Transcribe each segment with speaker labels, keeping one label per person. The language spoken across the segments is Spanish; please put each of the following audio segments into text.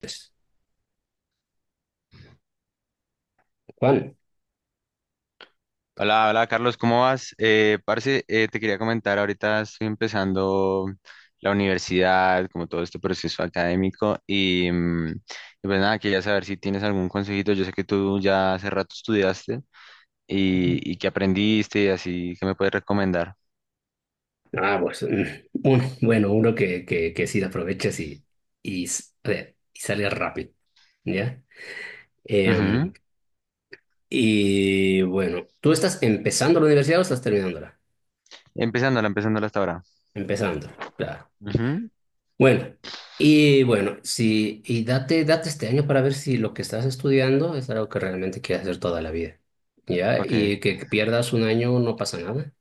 Speaker 1: Pues, Juan,
Speaker 2: Hola, hola Carlos, ¿cómo vas? Parce, te quería comentar, ahorita estoy empezando la universidad, como todo este proceso académico, y pues nada, quería saber si tienes algún consejito. Yo sé que tú ya hace rato estudiaste y que aprendiste y así, ¿que me puedes recomendar?
Speaker 1: bueno, uno que sí lo aproveches y, a ver, y salga rápido, ¿ya?
Speaker 2: Ujú.
Speaker 1: Em, y bueno, ¿tú estás empezando la universidad o estás terminándola?
Speaker 2: Empezándola, empezándola hasta ahora.
Speaker 1: Empezándola, claro.
Speaker 2: Ujú.
Speaker 1: Bueno, y bueno, sí, y date, date este año para ver si lo que estás estudiando es algo que realmente quieres hacer toda la vida, ¿ya?
Speaker 2: Ok,
Speaker 1: Y que pierdas un año no pasa nada.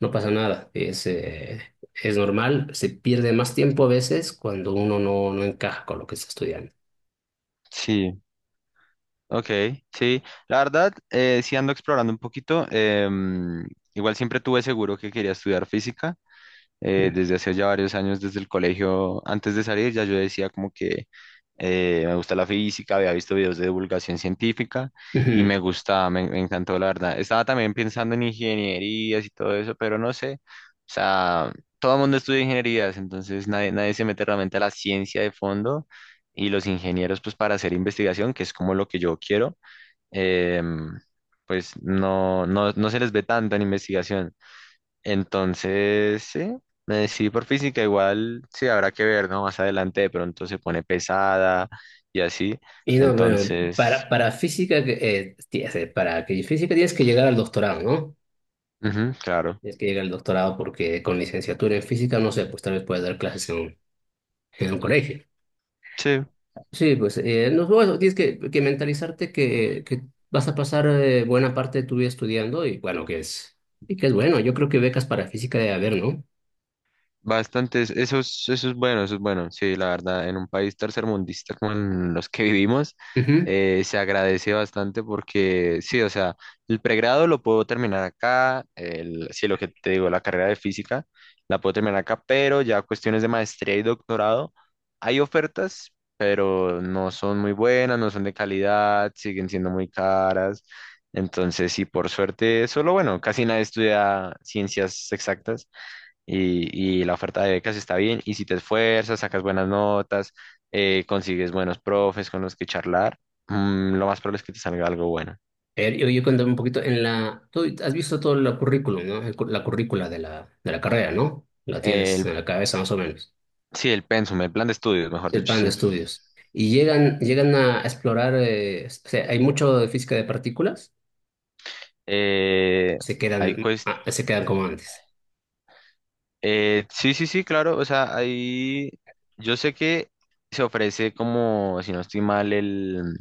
Speaker 1: No pasa nada, es normal, se pierde más tiempo a veces cuando uno no, no encaja con lo que está estudiando.
Speaker 2: sí, ok, sí. La verdad, sí ando explorando un poquito. Igual siempre tuve seguro que quería estudiar física. Desde hace ya varios años, desde el colegio, antes de salir, ya yo decía como que me gusta la física, había visto videos de divulgación científica y
Speaker 1: Ujú.
Speaker 2: me gustaba, me encantó la verdad. Estaba también pensando en ingenierías y todo eso, pero no sé, o sea, todo el mundo estudia ingenierías, entonces nadie se mete realmente a la ciencia de fondo y los ingenieros pues para hacer investigación, que es como lo que yo quiero. em, pues no, no, no se les ve tanto en investigación. Entonces, sí, sí, por física igual, sí, habrá que ver, ¿no? Más adelante de pronto se pone pesada y así.
Speaker 1: Y no, bueno,
Speaker 2: Entonces,
Speaker 1: para física, para que física tienes que llegar al doctorado, ¿no?
Speaker 2: ujú, claro,
Speaker 1: Tienes que llegar al doctorado porque con licenciatura en física, no sé, pues tal vez puedes dar clases en un colegio.
Speaker 2: sí.
Speaker 1: Sí, pues no, bueno, tienes que mentalizarte que vas a pasar buena parte de tu vida estudiando y bueno, y que es bueno. Yo creo que becas para física debe haber, ¿no?
Speaker 2: Bastantes, eso es bueno, eso es bueno. Sí, la verdad, en un país tercermundista como en los que vivimos,
Speaker 1: Ujú.
Speaker 2: se agradece bastante porque, sí, o sea, el pregrado lo puedo terminar acá, sí, lo que te digo, la carrera de física la puedo terminar acá, pero ya cuestiones de maestría y doctorado, hay ofertas, pero no son muy buenas, no son de calidad, siguen siendo muy caras. Entonces, sí, por suerte, solo bueno, casi nadie estudia ciencias exactas y la oferta de becas está bien. Y si te esfuerzas, sacas buenas notas, consigues buenos profes con los que charlar, lo más probable es que te salga algo bueno.
Speaker 1: A ver, yo cuéntame un poquito, tú has visto todo el currículum, ¿no? La currícula de la carrera, ¿no? La tienes
Speaker 2: El,
Speaker 1: en la cabeza más o menos,
Speaker 2: sí, el pensum, el plan de estudios, mejor
Speaker 1: el
Speaker 2: dicho,
Speaker 1: plan de
Speaker 2: sí.
Speaker 1: estudios. Y llegan a explorar, o sea, ¿hay mucho de física de partículas?
Speaker 2: Eh,
Speaker 1: ¿O se quedan,
Speaker 2: hay cuest-
Speaker 1: se quedan como antes?
Speaker 2: sí, sí, sí, claro. O sea, ahí yo sé que se ofrece como, si no estoy mal, el,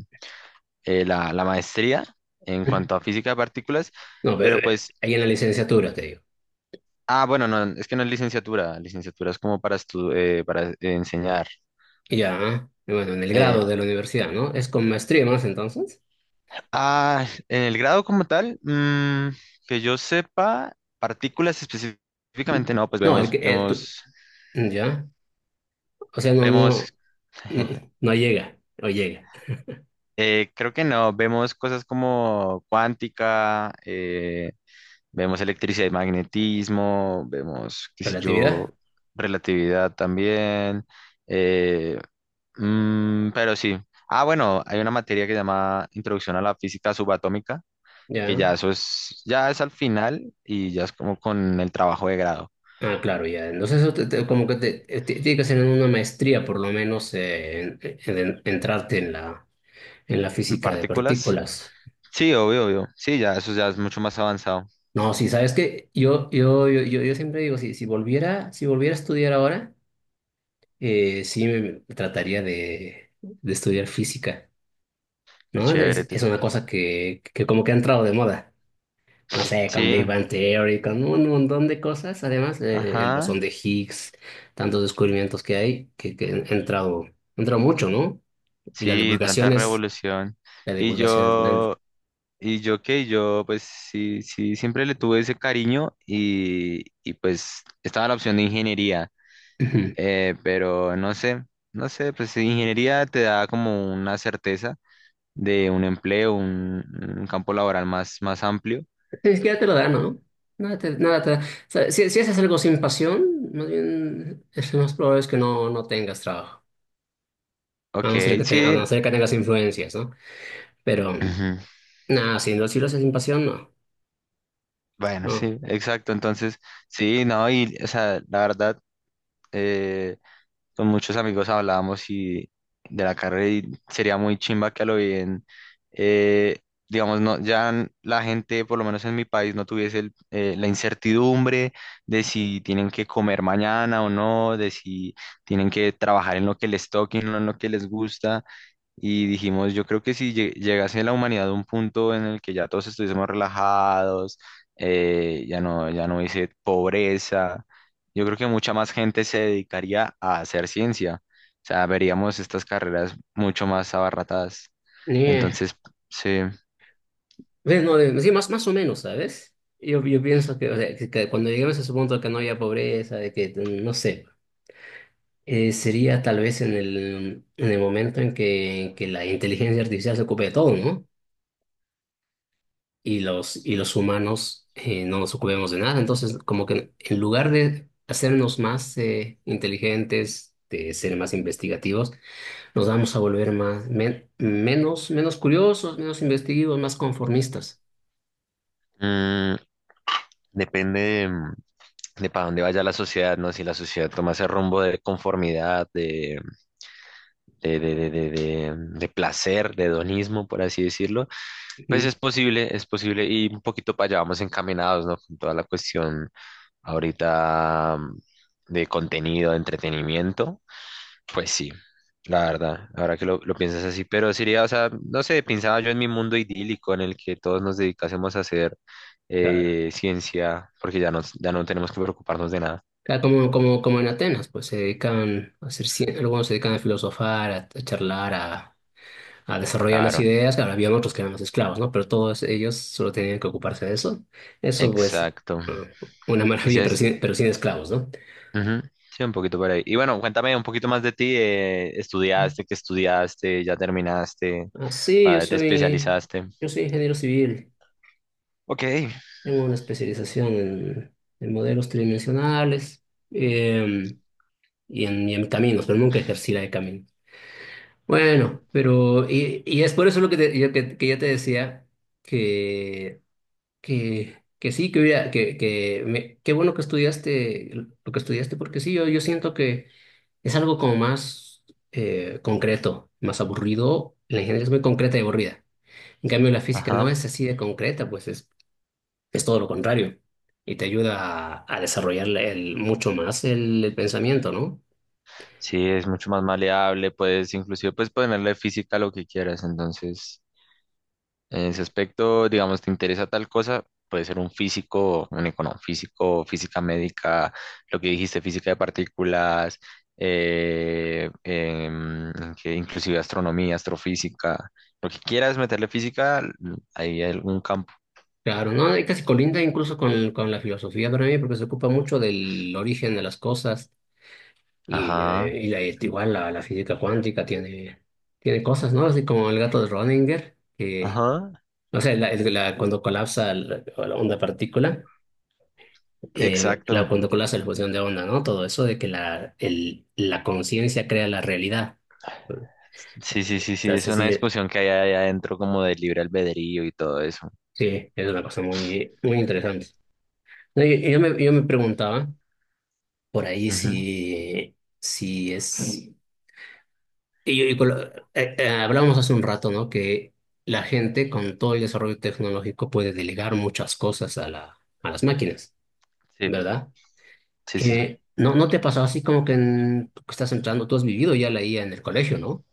Speaker 2: eh, la, la maestría en cuanto a física de partículas,
Speaker 1: No, pero
Speaker 2: pero pues.
Speaker 1: ahí en la licenciatura, te digo.
Speaker 2: Ah, bueno, no, es que no es licenciatura. Licenciatura es como para enseñar.
Speaker 1: Y ya, ¿ah? Y bueno, en el
Speaker 2: Eh,
Speaker 1: grado de la universidad, ¿no? ¿Es con maestría más entonces?
Speaker 2: ah, en el grado como tal, que yo sepa, partículas específicamente no, pues
Speaker 1: No, el
Speaker 2: vemos,
Speaker 1: que, ya, o sea, no, no,
Speaker 2: vemos,
Speaker 1: no, no llega, no llega.
Speaker 2: creo que no, vemos cosas como cuántica, vemos electricidad y magnetismo, vemos, qué sé
Speaker 1: Relatividad,
Speaker 2: yo, relatividad también. eh, pero sí. Ah, bueno, hay una materia que se llama Introducción a la Física Subatómica, que
Speaker 1: ya.
Speaker 2: ya eso es, ya es al final y ya es como con el trabajo de grado.
Speaker 1: Ah, claro, ya. Entonces, eso te- te- como que te- tiene que ser en una maestría, por lo menos, entrarte en la
Speaker 2: En
Speaker 1: física de
Speaker 2: partículas,
Speaker 1: partículas.
Speaker 2: sí, obvio, obvio. Sí, ya eso ya es mucho más avanzado.
Speaker 1: No, sí, sabes que yo siempre digo, si, si volviera, si volviera a estudiar ahora, sí me trataría de estudiar física,
Speaker 2: Qué
Speaker 1: ¿no?
Speaker 2: chévere.
Speaker 1: Es, es una cosa que como que ha entrado de moda. No sé, con
Speaker 2: Sí,
Speaker 1: Big Bang Theory, con un montón de cosas, además, el bosón
Speaker 2: ajá.
Speaker 1: de Higgs, tantos descubrimientos que hay, que han entrado mucho, ¿no? Y
Speaker 2: Sí, tanta revolución.
Speaker 1: la
Speaker 2: Y
Speaker 1: divulgación es grande.
Speaker 2: yo, y yo qué, yo pues sí, sí, siempre le tuve ese cariño y pues estaba la opción de ingeniería.
Speaker 1: Ujú.
Speaker 2: Pero no sé, pues ingeniería te da como una certeza de un empleo, un campo laboral más, más amplio.
Speaker 1: Ni siquiera te lo da, ¿no? Nada te da. O sea, si, si haces algo sin pasión, más bien, es lo más probable es que no, no tengas trabajo. A
Speaker 2: Ok,
Speaker 1: no ser que, te- a
Speaker 2: sí.
Speaker 1: no ser que tengas influencias, ¿no? Pero,
Speaker 2: Ujú.
Speaker 1: nada, si, si lo haces sin pasión, no.
Speaker 2: Bueno,
Speaker 1: No.
Speaker 2: sí, exacto. Entonces, sí, no, y, o sea, la verdad, eh, con muchos amigos hablábamos y de la carrera y sería muy chimba que a lo bien, eh, digamos, no, la gente, por lo menos en mi país, no tuviese la incertidumbre de si tienen que comer mañana o no, de si tienen que trabajar en lo que les toque, y no en lo que les gusta. Y dijimos, yo creo que si llegase la humanidad a un punto en el que ya todos estuviésemos relajados, ya no, ya no hubiese pobreza, yo creo que mucha más gente se dedicaría a hacer ciencia. O sea, veríamos estas carreras mucho más abarratadas.
Speaker 1: Ni,
Speaker 2: Entonces, sí,
Speaker 1: Ve, no, sí, más, más o menos, ¿sabes? Yo pienso que, o sea, que cuando lleguemos a ese punto de que no haya pobreza, de que, no sé, sería tal vez en el momento en que la inteligencia artificial se ocupe de todo, ¿no? Y los humanos no nos ocupemos de nada. Entonces, como que en lugar de hacernos más inteligentes, de ser más investigativos, nos vamos a volver menos curiosos, menos investigativos, más conformistas.
Speaker 2: mm, depende de para dónde vaya la sociedad, ¿no? Si la sociedad toma ese rumbo de conformidad, de placer, de hedonismo, por así decirlo. Pues
Speaker 1: Ujú.
Speaker 2: es posible, y un poquito para allá vamos encaminados, ¿no? Con toda la cuestión ahorita de contenido, de entretenimiento, pues sí, la verdad, ahora que lo piensas así, pero sería, o sea, no sé, pensaba yo en mi mundo idílico en el que todos nos dedicásemos a hacer
Speaker 1: Claro.
Speaker 2: ciencia, porque ya no tenemos que preocuparnos de nada.
Speaker 1: Ah, como en Atenas, pues se dedican a hacer, cien- algunos se dedican a filosofar, a charlar, a desarrollar las
Speaker 2: Claro,
Speaker 1: ideas. Claro, había otros que eran los esclavos, ¿no? Pero todos ellos solo tenían que ocuparse de eso. Eso, pues,
Speaker 2: exacto.
Speaker 1: ah, una
Speaker 2: Y si
Speaker 1: maravilla, pero
Speaker 2: es.
Speaker 1: sin esclavos, ¿no?
Speaker 2: Ujú. Sí, un poquito por ahí. Y bueno, cuéntame un poquito más de ti. ¿Estudiaste? ¿Qué estudiaste? ¿Ya terminaste?
Speaker 1: Ah, sí, yo
Speaker 2: Ah, ¿te
Speaker 1: soy,
Speaker 2: especializaste?
Speaker 1: yo soy ingeniero civil.
Speaker 2: Ok.
Speaker 1: Tengo una especialización en modelos tridimensionales em, y en caminos, pero nunca ejercí la de caminos. Bueno, pero y es por eso lo que, que yo te decía que, que sí, que, hubiera- que me- qué bueno que estudiaste lo que estudiaste, porque sí, yo siento que es algo como más concreto, más aburrido. La ingeniería es muy concreta y aburrida. En cambio, la física no
Speaker 2: Ajá.
Speaker 1: es así de concreta, pues es todo lo contrario. Y te ayuda a desarrollar mucho más el pensamiento, ¿no?
Speaker 2: Sí, es mucho más maleable. Puedes inclusive puedes ponerle física a lo que quieras. Entonces, en ese aspecto, digamos, te interesa tal cosa, puede ser un físico, física médica, lo que dijiste, física de partículas, eh, em, que inclusive astronomía, astrofísica, lo que quieras meterle física, ahí hay algún campo.
Speaker 1: Claro, no, y casi colinda incluso con la filosofía para mí, porque se ocupa mucho del origen de las cosas y,
Speaker 2: Ajá,
Speaker 1: este, igual la física cuántica tiene cosas, ¿no? Así como el gato de Schrödinger, que,
Speaker 2: ajá,
Speaker 1: no sé, cuando colapsa la onda partícula,
Speaker 2: exacto.
Speaker 1: cuando colapsa la fusión de onda, ¿no? Todo eso de que la conciencia crea la realidad.
Speaker 2: Sí, sí, sí, sí, es
Speaker 1: Entonces, sí,
Speaker 2: una
Speaker 1: sí,
Speaker 2: discusión que hay ahí adentro como de libre albedrío y todo eso.
Speaker 1: sí, es una cosa muy, muy interesante. No, yo me preguntaba. Por ahí
Speaker 2: Ujú.
Speaker 1: sí, sí es... Y con hablábamos hace un rato, ¿no? Que la gente con todo el desarrollo tecnológico puede delegar muchas cosas a las máquinas,
Speaker 2: Sí,
Speaker 1: ¿verdad?
Speaker 2: sí, sí.
Speaker 1: ¿No, no te pasó así como que tú que estás entrando, tú has vivido ya la IA en el colegio, ¿no?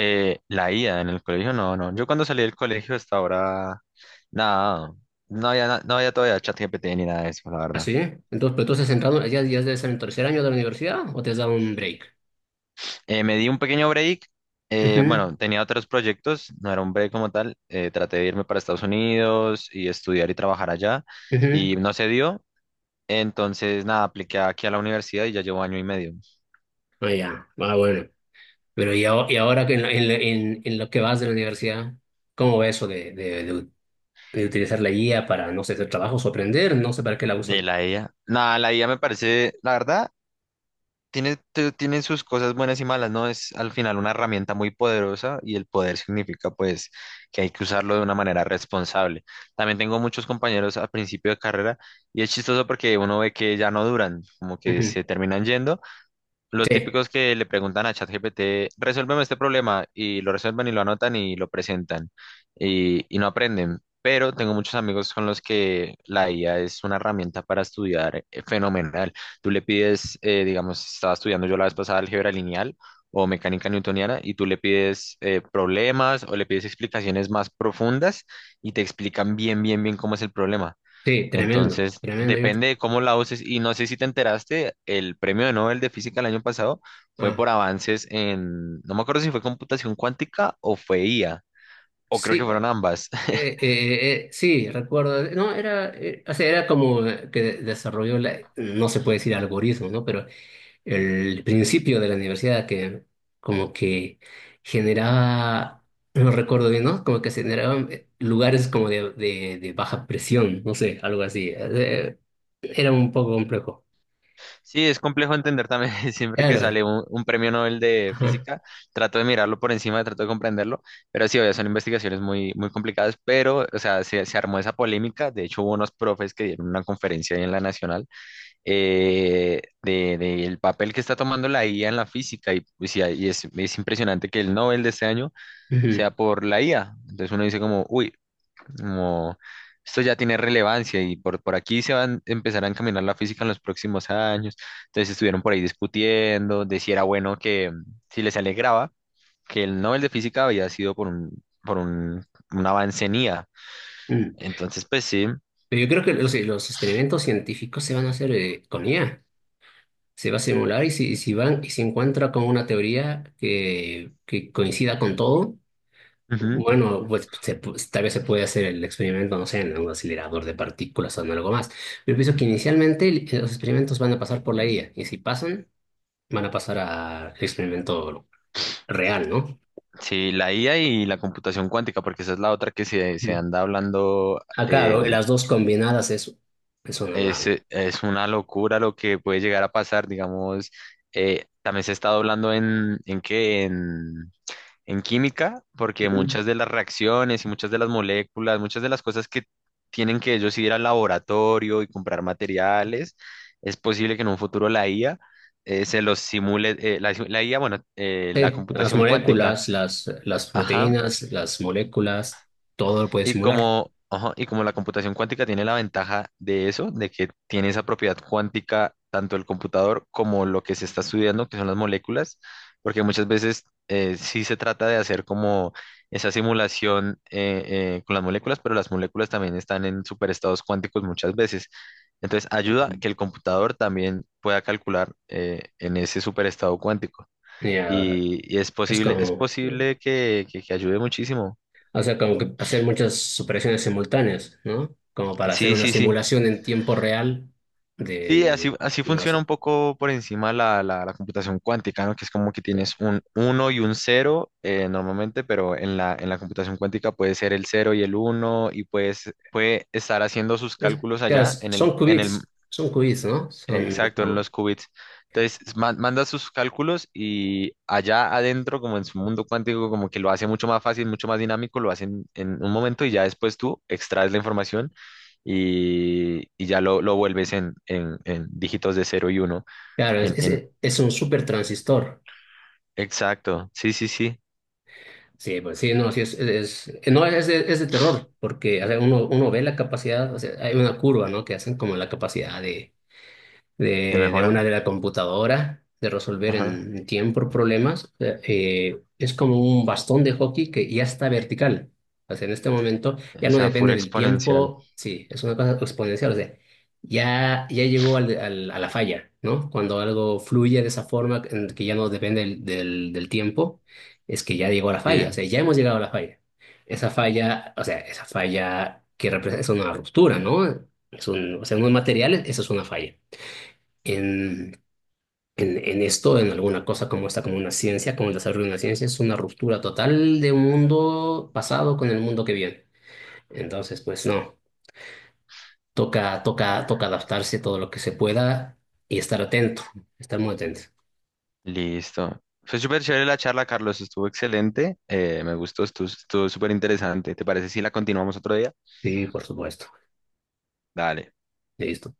Speaker 2: La ida en el colegio, no, no. Yo cuando salí del colegio hasta ahora, nada, no había todavía chat GPT ni nada de eso, la verdad.
Speaker 1: Así, entonces, pero tú estás entrando, ya, ya debes estar en tercer año de la universidad o te has dado un break?
Speaker 2: Me di un pequeño break.
Speaker 1: Ujú,
Speaker 2: Bueno, tenía otros proyectos, no era un break como tal. Traté de irme para Estados Unidos y estudiar y trabajar allá y
Speaker 1: ujú.
Speaker 2: no se dio. Entonces, nada, apliqué aquí a la universidad y ya llevo año y medio.
Speaker 1: Ah, ya. Ah, bueno. Pero y, ahora que en lo que vas de la universidad, ¿cómo va eso de utilizar la guía para, no sé, hacer trabajos o aprender? No sé para qué la
Speaker 2: De
Speaker 1: usan.
Speaker 2: la IA, nada, la IA me parece, la verdad, tiene sus cosas buenas y malas, ¿no? Es al final una herramienta muy poderosa y el poder significa pues que hay que usarlo de una manera responsable. También tengo muchos compañeros al principio de carrera y es chistoso porque uno ve que ya no duran, como que
Speaker 1: Ujú.
Speaker 2: se terminan yendo los
Speaker 1: Sí,
Speaker 2: típicos que le preguntan a ChatGPT, resuélveme este problema, y lo resuelven y lo anotan y lo presentan, y no aprenden. Pero tengo muchos amigos con los que la IA es una herramienta para estudiar fenomenal. Tú le pides, digamos, estaba estudiando yo la vez pasada álgebra lineal o mecánica newtoniana, y tú le pides problemas o le pides explicaciones más profundas y te explican bien, bien, bien cómo es el problema.
Speaker 1: sí, tremendo,
Speaker 2: Entonces,
Speaker 1: tremendo.
Speaker 2: depende de cómo la uses. Y no sé si te enteraste, el premio de Nobel de Física el año pasado fue
Speaker 1: Ah,
Speaker 2: por avances en, no me acuerdo si fue computación cuántica o fue IA, o creo que
Speaker 1: sí,
Speaker 2: fueron ambas.
Speaker 1: sí, recuerdo. No, era, o sea, era como que desarrolló, no se puede decir algoritmo, ¿no? Pero el principio de la universidad que como que generaba, no recuerdo bien, ¿no? Como que se generaban lugares como de baja presión, no sé, algo así. Era un poco complejo.
Speaker 2: Sí, es complejo entender también, siempre que
Speaker 1: Claro.
Speaker 2: sale un premio Nobel de
Speaker 1: Ajá.
Speaker 2: Física, trato de mirarlo por encima, trato de comprenderlo, pero sí, obvio, son investigaciones muy, muy complicadas, pero, o sea, se armó esa polémica, de hecho hubo unos profes que dieron una conferencia ahí en la Nacional de el papel que está tomando la IA en la física y, pues, y es impresionante que el Nobel de este año
Speaker 1: Ujú.
Speaker 2: sea por la IA. Entonces uno dice como, uy, como esto ya tiene relevancia y por aquí se van a empezar a encaminar la física en los próximos años. Entonces estuvieron por ahí discutiendo de si era bueno que, si les alegraba que el Nobel de física había sido por un avance en IA.
Speaker 1: Mm.
Speaker 2: Entonces, pues sí.
Speaker 1: Pero yo creo que los experimentos científicos se van a hacer con IA. Se va a simular y si van y se encuentra con una teoría que coincida con todo, bueno, pues tal vez se puede hacer el experimento, no sé, en un acelerador de partículas o en algo más. Yo pienso que inicialmente los experimentos van a pasar por la IA y si pasan, van a pasar al experimento real, ¿no?
Speaker 2: Sí, la IA y la computación cuántica, porque esa es la otra que se
Speaker 1: Ujú.
Speaker 2: anda hablando,
Speaker 1: Ah, claro, las dos combinadas es una...
Speaker 2: es una locura lo que puede llegar a pasar, digamos, también se está hablando en química, porque
Speaker 1: Ujú.
Speaker 2: muchas de las reacciones y muchas de las moléculas, muchas de las cosas que tienen que ellos ir al laboratorio y comprar materiales, es posible que en un futuro la IA se los simule, la IA, bueno, la
Speaker 1: Sí, las
Speaker 2: computación cuántica.
Speaker 1: moléculas, las
Speaker 2: Ajá,
Speaker 1: proteínas, las moléculas, todo lo puede
Speaker 2: y
Speaker 1: simular.
Speaker 2: como, ajá, y como la computación cuántica tiene la ventaja de eso, de que tiene esa propiedad cuántica tanto el computador como lo que se está estudiando, que son las moléculas, porque muchas veces sí se trata de hacer como esa simulación con las moléculas, pero las moléculas también están en superestados cuánticos muchas veces. Entonces ayuda a que el computador también pueda calcular en ese superestado cuántico.
Speaker 1: Ya,
Speaker 2: Y
Speaker 1: es
Speaker 2: es
Speaker 1: como...
Speaker 2: posible que ayude muchísimo.
Speaker 1: O sea, como que hacer muchas operaciones simultáneas, ¿no? Como para hacer
Speaker 2: Sí,
Speaker 1: una
Speaker 2: sí, sí.
Speaker 1: simulación en tiempo real
Speaker 2: Sí,
Speaker 1: del...
Speaker 2: así
Speaker 1: No,
Speaker 2: funciona un poco por encima la computación cuántica, ¿no? Que es como que tienes un uno y un 0 normalmente, pero en la computación cuántica puede ser el cero y el uno y puede estar haciendo sus cálculos
Speaker 1: claro,
Speaker 2: allá en el, en el
Speaker 1: son qubits, ¿no? Son
Speaker 2: Exacto, en
Speaker 1: como...
Speaker 2: los qubits. Entonces, manda sus cálculos y allá adentro, como en su mundo cuántico, como que lo hace mucho más fácil, mucho más dinámico, lo hacen en un momento y ya después tú extraes la información y ya lo vuelves en dígitos de cero y uno,
Speaker 1: Claro, es,
Speaker 2: En, en,
Speaker 1: es, es un super transistor.
Speaker 2: exacto, sí, sí, sí,
Speaker 1: Sí, pues sí, no, sí, no, es de terror, porque o sea, uno ve la capacidad, o sea, hay una curva, ¿no? Que hacen como la capacidad de
Speaker 2: de
Speaker 1: de
Speaker 2: mejora.
Speaker 1: una de la computadora, de resolver
Speaker 2: Ajá,
Speaker 1: en tiempo problemas. Es como un bastón de hockey que ya está vertical. O sea, en este momento ya
Speaker 2: o
Speaker 1: no
Speaker 2: sea, pura
Speaker 1: depende del
Speaker 2: exponencial.
Speaker 1: tiempo, sí, es una cosa exponencial. O sea, ya, ya llegó al, a la falla, ¿no? Cuando algo fluye de esa forma, en que ya no depende del tiempo, es que ya llegó a la falla, o
Speaker 2: Sí,
Speaker 1: sea, ya hemos llegado a la falla. Esa falla, o sea, esa falla que representa es una ruptura, ¿no? O sea, unos materiales, eso es una falla en, en esto, en alguna cosa como esta, como una ciencia, como el desarrollo de una ciencia, es una ruptura total de un mundo pasado con el mundo que viene. Entonces, pues no, toca, toca, toca adaptarse todo lo que se pueda y estar atento, estar muy atento.
Speaker 2: listo. Fue súper chévere la charla, Carlos, estuvo excelente. Me gustó, estuvo súper interesante. ¿Te parece si la continuamos otro día?
Speaker 1: Sí, por supuesto.
Speaker 2: Dale.
Speaker 1: Listo.